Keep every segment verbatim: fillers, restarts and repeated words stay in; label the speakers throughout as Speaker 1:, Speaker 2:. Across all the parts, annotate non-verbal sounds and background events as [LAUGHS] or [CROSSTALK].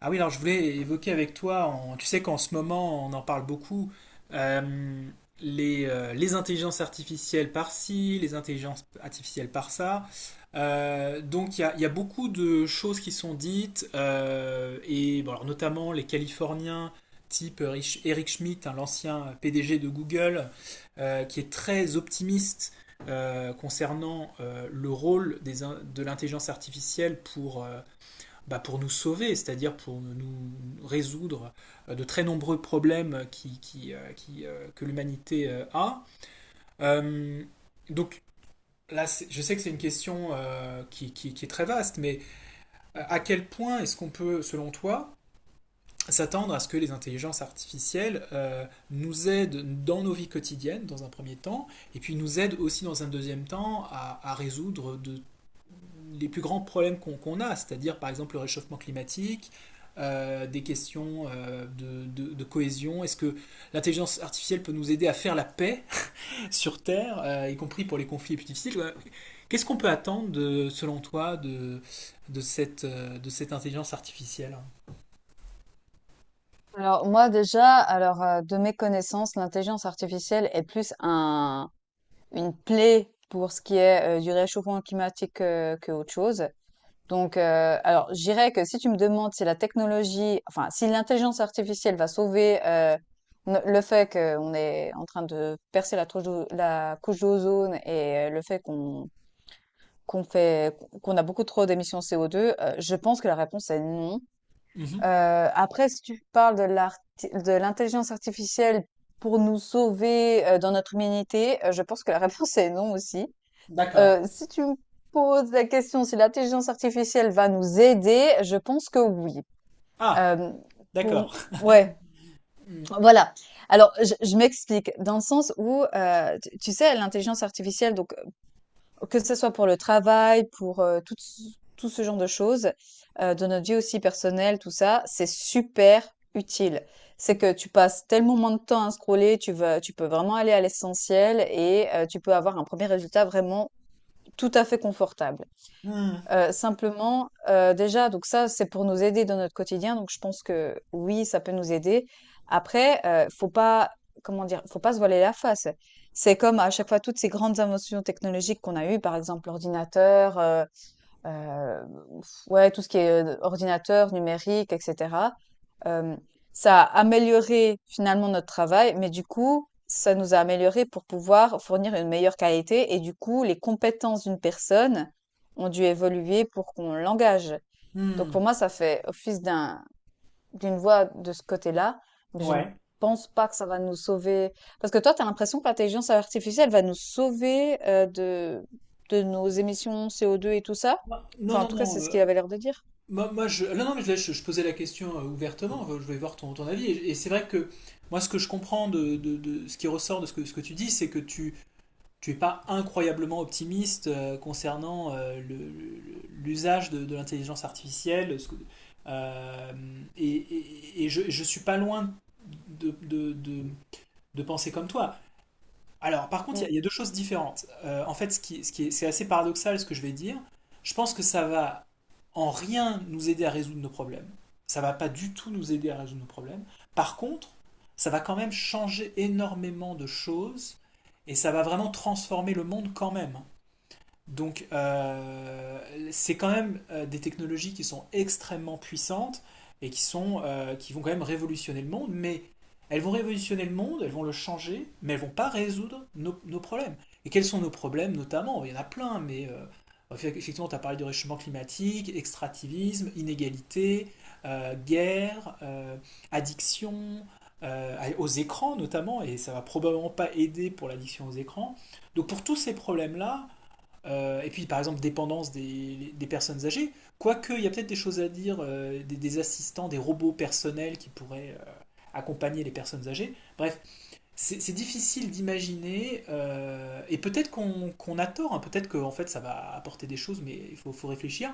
Speaker 1: Ah oui, alors je voulais évoquer avec toi, en- tu sais qu'en ce moment on en parle beaucoup, euh, les, euh, les intelligences artificielles par-ci, les intelligences artificielles par-ça. Euh, donc il y a, il y a beaucoup de choses qui sont dites, euh, et bon, alors, notamment les Californiens type Erich- Eric Schmidt, hein, l'ancien P D G de Google, euh, qui est très optimiste euh, concernant euh, le rôle des in- de l'intelligence artificielle pour, euh, bah, pour nous sauver, c'est-à-dire pour nous résoudre euh, de très nombreux problèmes qui, qui, euh, qui, euh, que l'humanité euh, a. Euh, donc là, je sais que c'est une question euh, qui, qui, qui, est très vaste, mais euh, à quel point est-ce qu'on peut, selon toi, s'attendre à ce que les intelligences artificielles euh, nous aident dans nos vies quotidiennes, dans un premier temps, et puis nous aident aussi dans un deuxième temps à, à résoudre de, les plus grands problèmes qu'on qu a, c'est-à-dire par exemple le réchauffement climatique, euh, des questions euh, de, de, de, cohésion. Est-ce que l'intelligence artificielle peut nous aider à faire la paix [LAUGHS] sur Terre, euh, y compris pour les conflits les plus difficiles. Qu'est-ce qu'on peut attendre, de, selon toi, de, de, cette, euh, de cette intelligence artificielle.
Speaker 2: Alors moi déjà, alors euh, de mes connaissances, l'intelligence artificielle est plus un, une plaie pour ce qui est euh, du réchauffement climatique euh, que autre chose. Donc euh, alors je dirais que si tu me demandes si la technologie, enfin si l'intelligence artificielle va sauver euh, no- le fait qu'on est en train de percer la, trouche d'o- la couche d'ozone et euh, le fait qu'on qu'on fait qu'on a beaucoup trop d'émissions CO2, euh, je pense que la réponse est non. Heu,
Speaker 1: Mm -hmm.
Speaker 2: après, si tu parles de l'arti de l'intelligence artificielle pour nous sauver, heu, dans notre humanité, heu, je pense que la [LAUGHS] réponse est non aussi.
Speaker 1: D'accord.
Speaker 2: Heu, si tu me poses la question si l'intelligence artificielle va nous aider, je pense que oui.
Speaker 1: Ah,
Speaker 2: Hem, bon,
Speaker 1: d'accord.
Speaker 2: ouais,
Speaker 1: Mm.
Speaker 2: voilà. Alors je je m'explique, dans le sens où, heu, tu tu sais, l'intelligence artificielle donc que ce soit pour le travail, pour, heu, tout ce tout ce genre de choses, heu, dans notre vie aussi personnelle, tout ça, c'est super utile. C'est que tu passes tellement moins de temps à scroller, tu vas tu peux vraiment aller à l'essentiel et heu, tu peux avoir un premier résultat vraiment tout à fait confortable.
Speaker 1: Mm.
Speaker 2: Heu, simplement, heu, déjà donc ça, c'est pour nous aider dans notre quotidien, donc je pense que oui, ça peut nous aider. Après, heu, faut pas, comment dire? Faut pas se voiler la face. C'est comme à chaque fois toutes ces grandes inventions technologiques qu'on a eues, par exemple l'ordinateur, heu Heu, ouais, tout ce qui est, heu, ordinateur, numérique et cetera. Hem, ça a amélioré finalement notre travail, mais du coup, ça nous a amélioré pour pouvoir fournir une meilleure qualité et du coup, les compétences d'une personne ont dû évoluer pour qu'on l'engage. Donc pour
Speaker 1: Mm.
Speaker 2: moi, ça fait office d'un d'une voix de ce côté-là, mais je ne
Speaker 1: Ouais.
Speaker 2: pense pas que ça va nous sauver. Parce que toi, tu as l'impression que l'intelligence artificielle va nous sauver euh, de, de nos émissions CO2 et tout ça.
Speaker 1: Non,
Speaker 2: Enfin, en
Speaker 1: non,
Speaker 2: tout cas, c'est
Speaker 1: non.
Speaker 2: ce
Speaker 1: euh,
Speaker 2: qu'il avait l'air de dire.
Speaker 1: Moi, moi, je... Non, non, mais je, je- je posais la question euh, ouvertement, enfin, je vais voir ton, ton avis. Et, et c'est vrai que moi, ce que je comprends de, de- de ce qui ressort de ce que, ce que tu dis, c'est que tu tu es pas incroyablement optimiste euh, concernant euh, le- le- l'usage de, de l'intelligence artificielle. ce que- euh, et, et- et je, je suis pas loin de, de- de- de penser comme toi. Alors, par contre, il y,
Speaker 2: Mm.
Speaker 1: a- il y a deux choses différentes. Euh, en fait, ce qui, ce qui est, c'est assez paradoxal ce que je vais dire. Je pense que ça va en rien nous aider à résoudre nos problèmes. Ça va pas du tout nous aider à résoudre nos problèmes. Par contre, ça va quand même changer énormément de choses et ça va vraiment transformer le monde quand même. Donc, euh, c'est quand même euh, des technologies qui sont extrêmement puissantes et qui, sont, euh, qui vont quand même révolutionner le monde, mais elles vont révolutionner le monde, elles vont le changer, mais elles vont pas résoudre nos, nos problèmes. Et quels sont nos problèmes notamment? Il y en a plein, mais euh, effectivement, tu as parlé de réchauffement climatique, extractivisme, inégalité, euh, guerre, euh, addiction euh, aux écrans notamment, et ça va probablement pas aider pour l'addiction aux écrans. Donc pour tous ces problèmes-là, euh, et puis, par exemple, dépendance des, des personnes âgées. Quoique, il y a peut-être des choses à dire, euh, des, des, assistants, des robots personnels qui pourraient euh, accompagner les personnes âgées. Bref, c'est c'est difficile d'imaginer, euh, et peut-être qu'on qu a tort, hein, peut-être qu'en en fait ça va apporter des choses, mais il faut, faut réfléchir.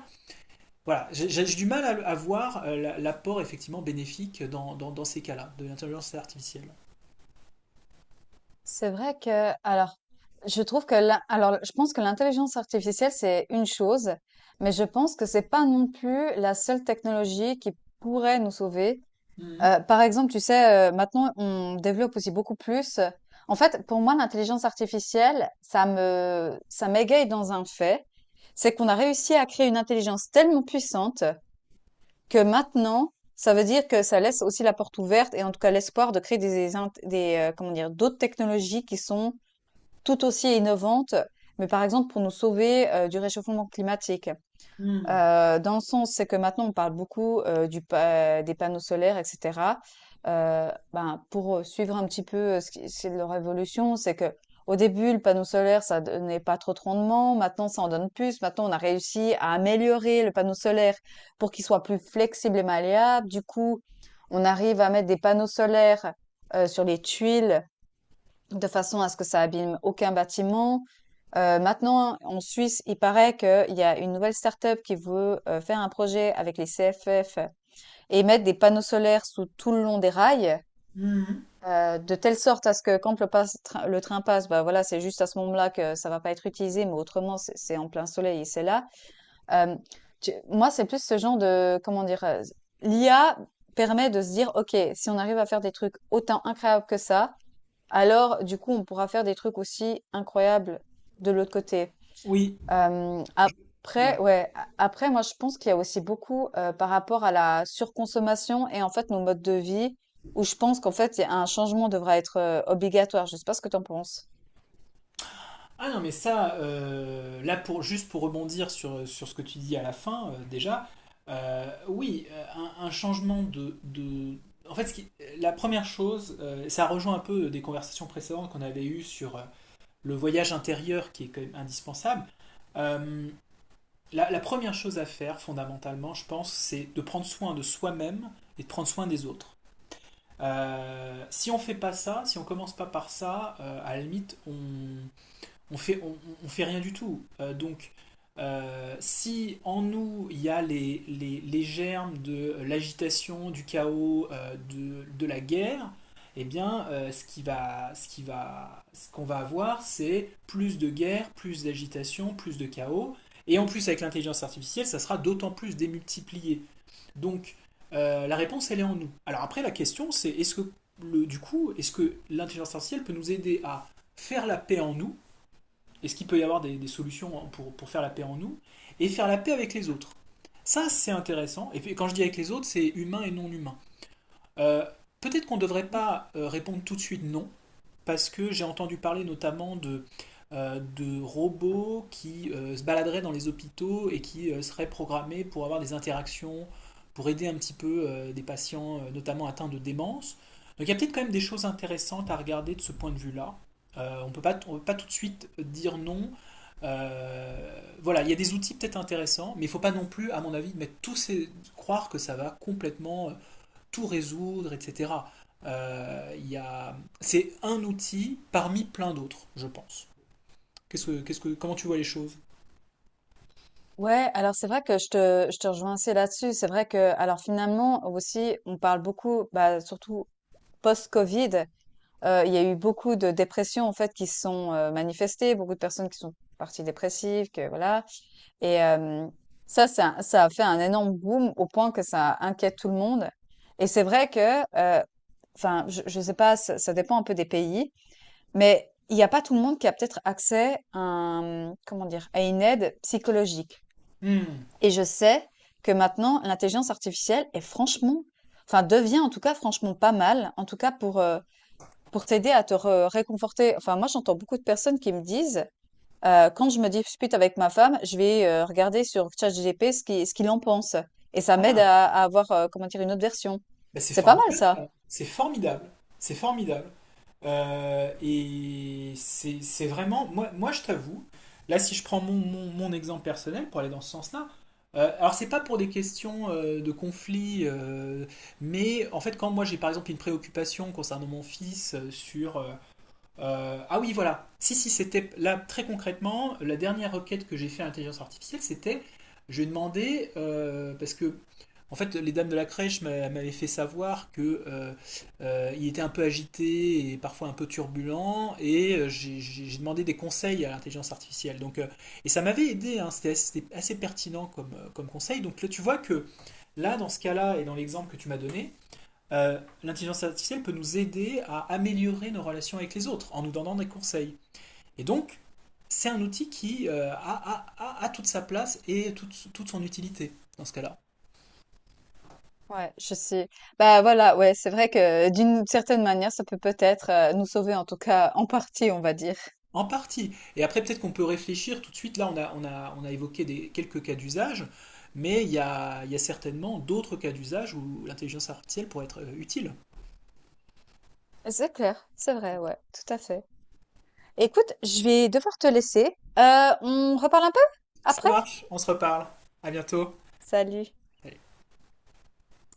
Speaker 1: Voilà, j'ai j'ai du mal à, à voir euh, l'apport effectivement bénéfique dans, dans, dans ces cas-là, de l'intelligence artificielle.
Speaker 2: C'est vrai que, alors, je trouve que, la- alors, je pense que l'intelligence artificielle, c'est une chose, mais je pense que c'est pas non plus la seule technologie qui pourrait nous sauver.
Speaker 1: Mmh.
Speaker 2: Heu, par exemple, tu sais, heu, maintenant on développe aussi beaucoup plus en fait, pour moi, l'intelligence artificielle, ça me ça m'égaye dans un fait, c'est qu'on a réussi à créer une intelligence tellement puissante que maintenant, ça veut dire que ça laisse aussi la porte ouverte et en tout cas l'espoir de créer des int des, heu, comment dire? D'autres technologies qui sont tout aussi innovantes, mais par exemple pour nous sauver, heu, du réchauffement climatique.
Speaker 1: Mmh.
Speaker 2: Heu, dans le sens, c'est que maintenant on parle beaucoup, heu, du pa des panneaux solaires et cetera. Heu, ben, pour, suivre un petit peu, heu, ce qui c'est leur évolution, c'est que au début, le panneau solaire, ça donnait pas trop de rendement. Maintenant, ça en donne plus. Maintenant, on a réussi à améliorer le panneau solaire pour qu'il soit plus flexible et malléable. Du coup, on arrive à mettre des panneaux solaires, heu, sur les tuiles, de façon à ce que ça abîme aucun bâtiment. Heu, maintenant, en Suisse, il paraît qu'il y a une nouvelle start-up qui veut, heu, faire un projet avec les C F F et mettre des panneaux solaires sous tout le long des rails,
Speaker 1: Mmh.
Speaker 2: heu, de telle sorte à ce que quand le passe train le train passe, bah, voilà, c'est juste à ce moment-là que ça va pas être utilisé, mais autrement, c'est c'est en plein soleil et c'est là. Hem, tu moi, c'est plus ce genre de comment dire? Heu, l'I A permet de se dire: «OK, si on arrive à faire des trucs autant incroyables que ça, alors, du coup, on pourra faire des trucs aussi incroyables de l'autre côté.
Speaker 1: Oui,
Speaker 2: Euh,
Speaker 1: je...
Speaker 2: après,
Speaker 1: ouais.
Speaker 2: ouais, a- après, moi, je pense qu'il y a aussi beaucoup euh, par rapport à la surconsommation et en fait nos modes de vie, où je pense qu'en fait, il y a un changement devra être euh, obligatoire. Je sais pas ce que tu en penses.
Speaker 1: Ah non, mais ça, euh, là, pour, juste pour rebondir sur, sur ce que tu dis à la fin, euh, déjà, euh, oui, euh, un, un changement de, de- En fait, ce qui- la première chose, euh, ça rejoint un peu des conversations précédentes qu'on avait eues sur euh, le voyage intérieur qui est quand même indispensable. Euh, la, la première chose à faire, fondamentalement, je pense, c'est de prendre soin de soi-même et de prendre soin des autres. Euh, si on fait pas ça, si on commence pas par ça, euh, à la limite, on on fait, on, on fait rien du tout. Euh, donc, euh, si en nous il y a les, les, les germes de l'agitation, du chaos, euh, de, de la guerre, eh bien, euh, ce qui va, ce qui va, ce qu'on va avoir, c'est plus de guerre, plus d'agitation, plus de chaos. Et en plus, avec l'intelligence artificielle, ça sera d'autant plus démultiplié. Donc, euh, la réponse, elle est en nous. Alors après, la question, c'est est-ce que le, du coup, est-ce que l'intelligence artificielle peut nous aider à faire la paix en nous, est-ce qu'il peut y avoir des, des solutions hein, pour, pour faire la paix en nous et faire la paix avec les autres. Ça, c'est intéressant. Et puis, quand je dis avec les autres, c'est humain et non humain. Euh, Peut-être qu'on ne devrait pas euh, répondre tout de suite non, parce que j'ai entendu parler notamment de, euh, de robots qui euh, se baladeraient dans les hôpitaux et qui euh, seraient programmés pour avoir des interactions, pour aider un petit peu euh, des patients, euh, notamment atteints de démence. Donc il y a peut-être quand même des choses intéressantes à regarder de ce point de vue-là. Euh, on peut pas, peut pas tout de suite dire non. Euh, voilà, il y a des outils peut-être intéressants, mais il ne faut pas non plus, à mon avis, mettre tous ces, croire que ça va complètement euh, tout résoudre, et cetera. Euh, il y a... C'est un outil parmi plein d'autres, je pense. Qu'est-ce que, qu'est-ce que, comment tu vois les choses?
Speaker 2: Ouais, alors c'est vrai que je te, je te rejoins assez là-dessus. C'est vrai que, alors finalement aussi, on parle beaucoup, bah, surtout post-Covid. Heu, il y a eu beaucoup de dépressions, en fait, qui se sont, heu, manifestées, beaucoup de personnes qui sont parties dépressives, que voilà et hem, ça, ça ça a fait un énorme boom au point que ça inquiète tout le monde et c'est vrai que, heu, enfin, je je sais pas, ça ça dépend un peu des pays, mais il y a pas tout le monde qui a peut-être accès à un, mmh, comment dire? À une aide psychologique
Speaker 1: Hmm.
Speaker 2: et je sais que maintenant l'intelligence artificielle est franchement enfin, devient en tout cas franchement pas mal, en tout cas pour, heu, pour t'aider à te re réconforter, enfin moi j'entends beaucoup de personnes qui me disent, heu, quand je me dispute avec ma femme, je vais, heu, regarder sur ChatGPT ce qui, ce qu'il en pense et ça m'aide
Speaker 1: Ah,
Speaker 2: à à avoir, heu, comment dire? Une autre version.
Speaker 1: bah c'est
Speaker 2: C'est pas mal
Speaker 1: formidable, ça.
Speaker 2: ça.
Speaker 1: C'est formidable. C'est formidable. Euh, et c'est, c'est vraiment, moi, moi je t'avoue, là si je prends mon, mon, mon exemple personnel pour aller dans ce sens-là, euh, alors c'est pas pour des questions euh, de conflit, euh, mais en fait quand moi j'ai par exemple une préoccupation concernant mon fils euh, sur euh, Euh, ah oui, voilà. Si, si, c'était là très concrètement, la dernière requête que j'ai fait à l'intelligence artificielle, c'était je lui ai demandé, euh, parce que en fait, les dames de la crèche m'a- m'avaient fait savoir que euh, euh, il était un peu agité et parfois un peu turbulent, et euh, j'ai j'ai- j'ai demandé des conseils à l'intelligence artificielle. Donc, euh, et ça m'avait aidé, hein, c'était assez, c'était assez pertinent comme, euh, comme conseil. Donc là, tu vois que là, dans ce cas-là et dans l'exemple que tu m'as donné, euh, l'intelligence artificielle peut nous aider à améliorer nos relations avec les autres en nous donnant des conseils. Et donc, c'est un outil qui euh, a, a- a- a toute sa place et toute, toute son utilité dans ce cas-là.
Speaker 2: Ouais, je sais. Bah, voilà, ouais, c'est vrai que euh, d'une certaine manière, ça peut peut-être, heu, nous sauver en tout cas en partie, on va dire.
Speaker 1: En partie. Et après, peut-être qu'on peut réfléchir tout de suite. Là, on a, on a, on a évoqué des, quelques cas d'usage, mais il y a, il y a certainement d'autres cas d'usage où l'intelligence artificielle pourrait être euh, utile.
Speaker 2: C'est clair, c'est vrai, ouais, tout à fait. Écoute, je vais devoir te laisser. Heu, on reparle un peu
Speaker 1: Ça
Speaker 2: après?
Speaker 1: marche, on se reparle. À bientôt.
Speaker 2: Salut.
Speaker 1: Allez.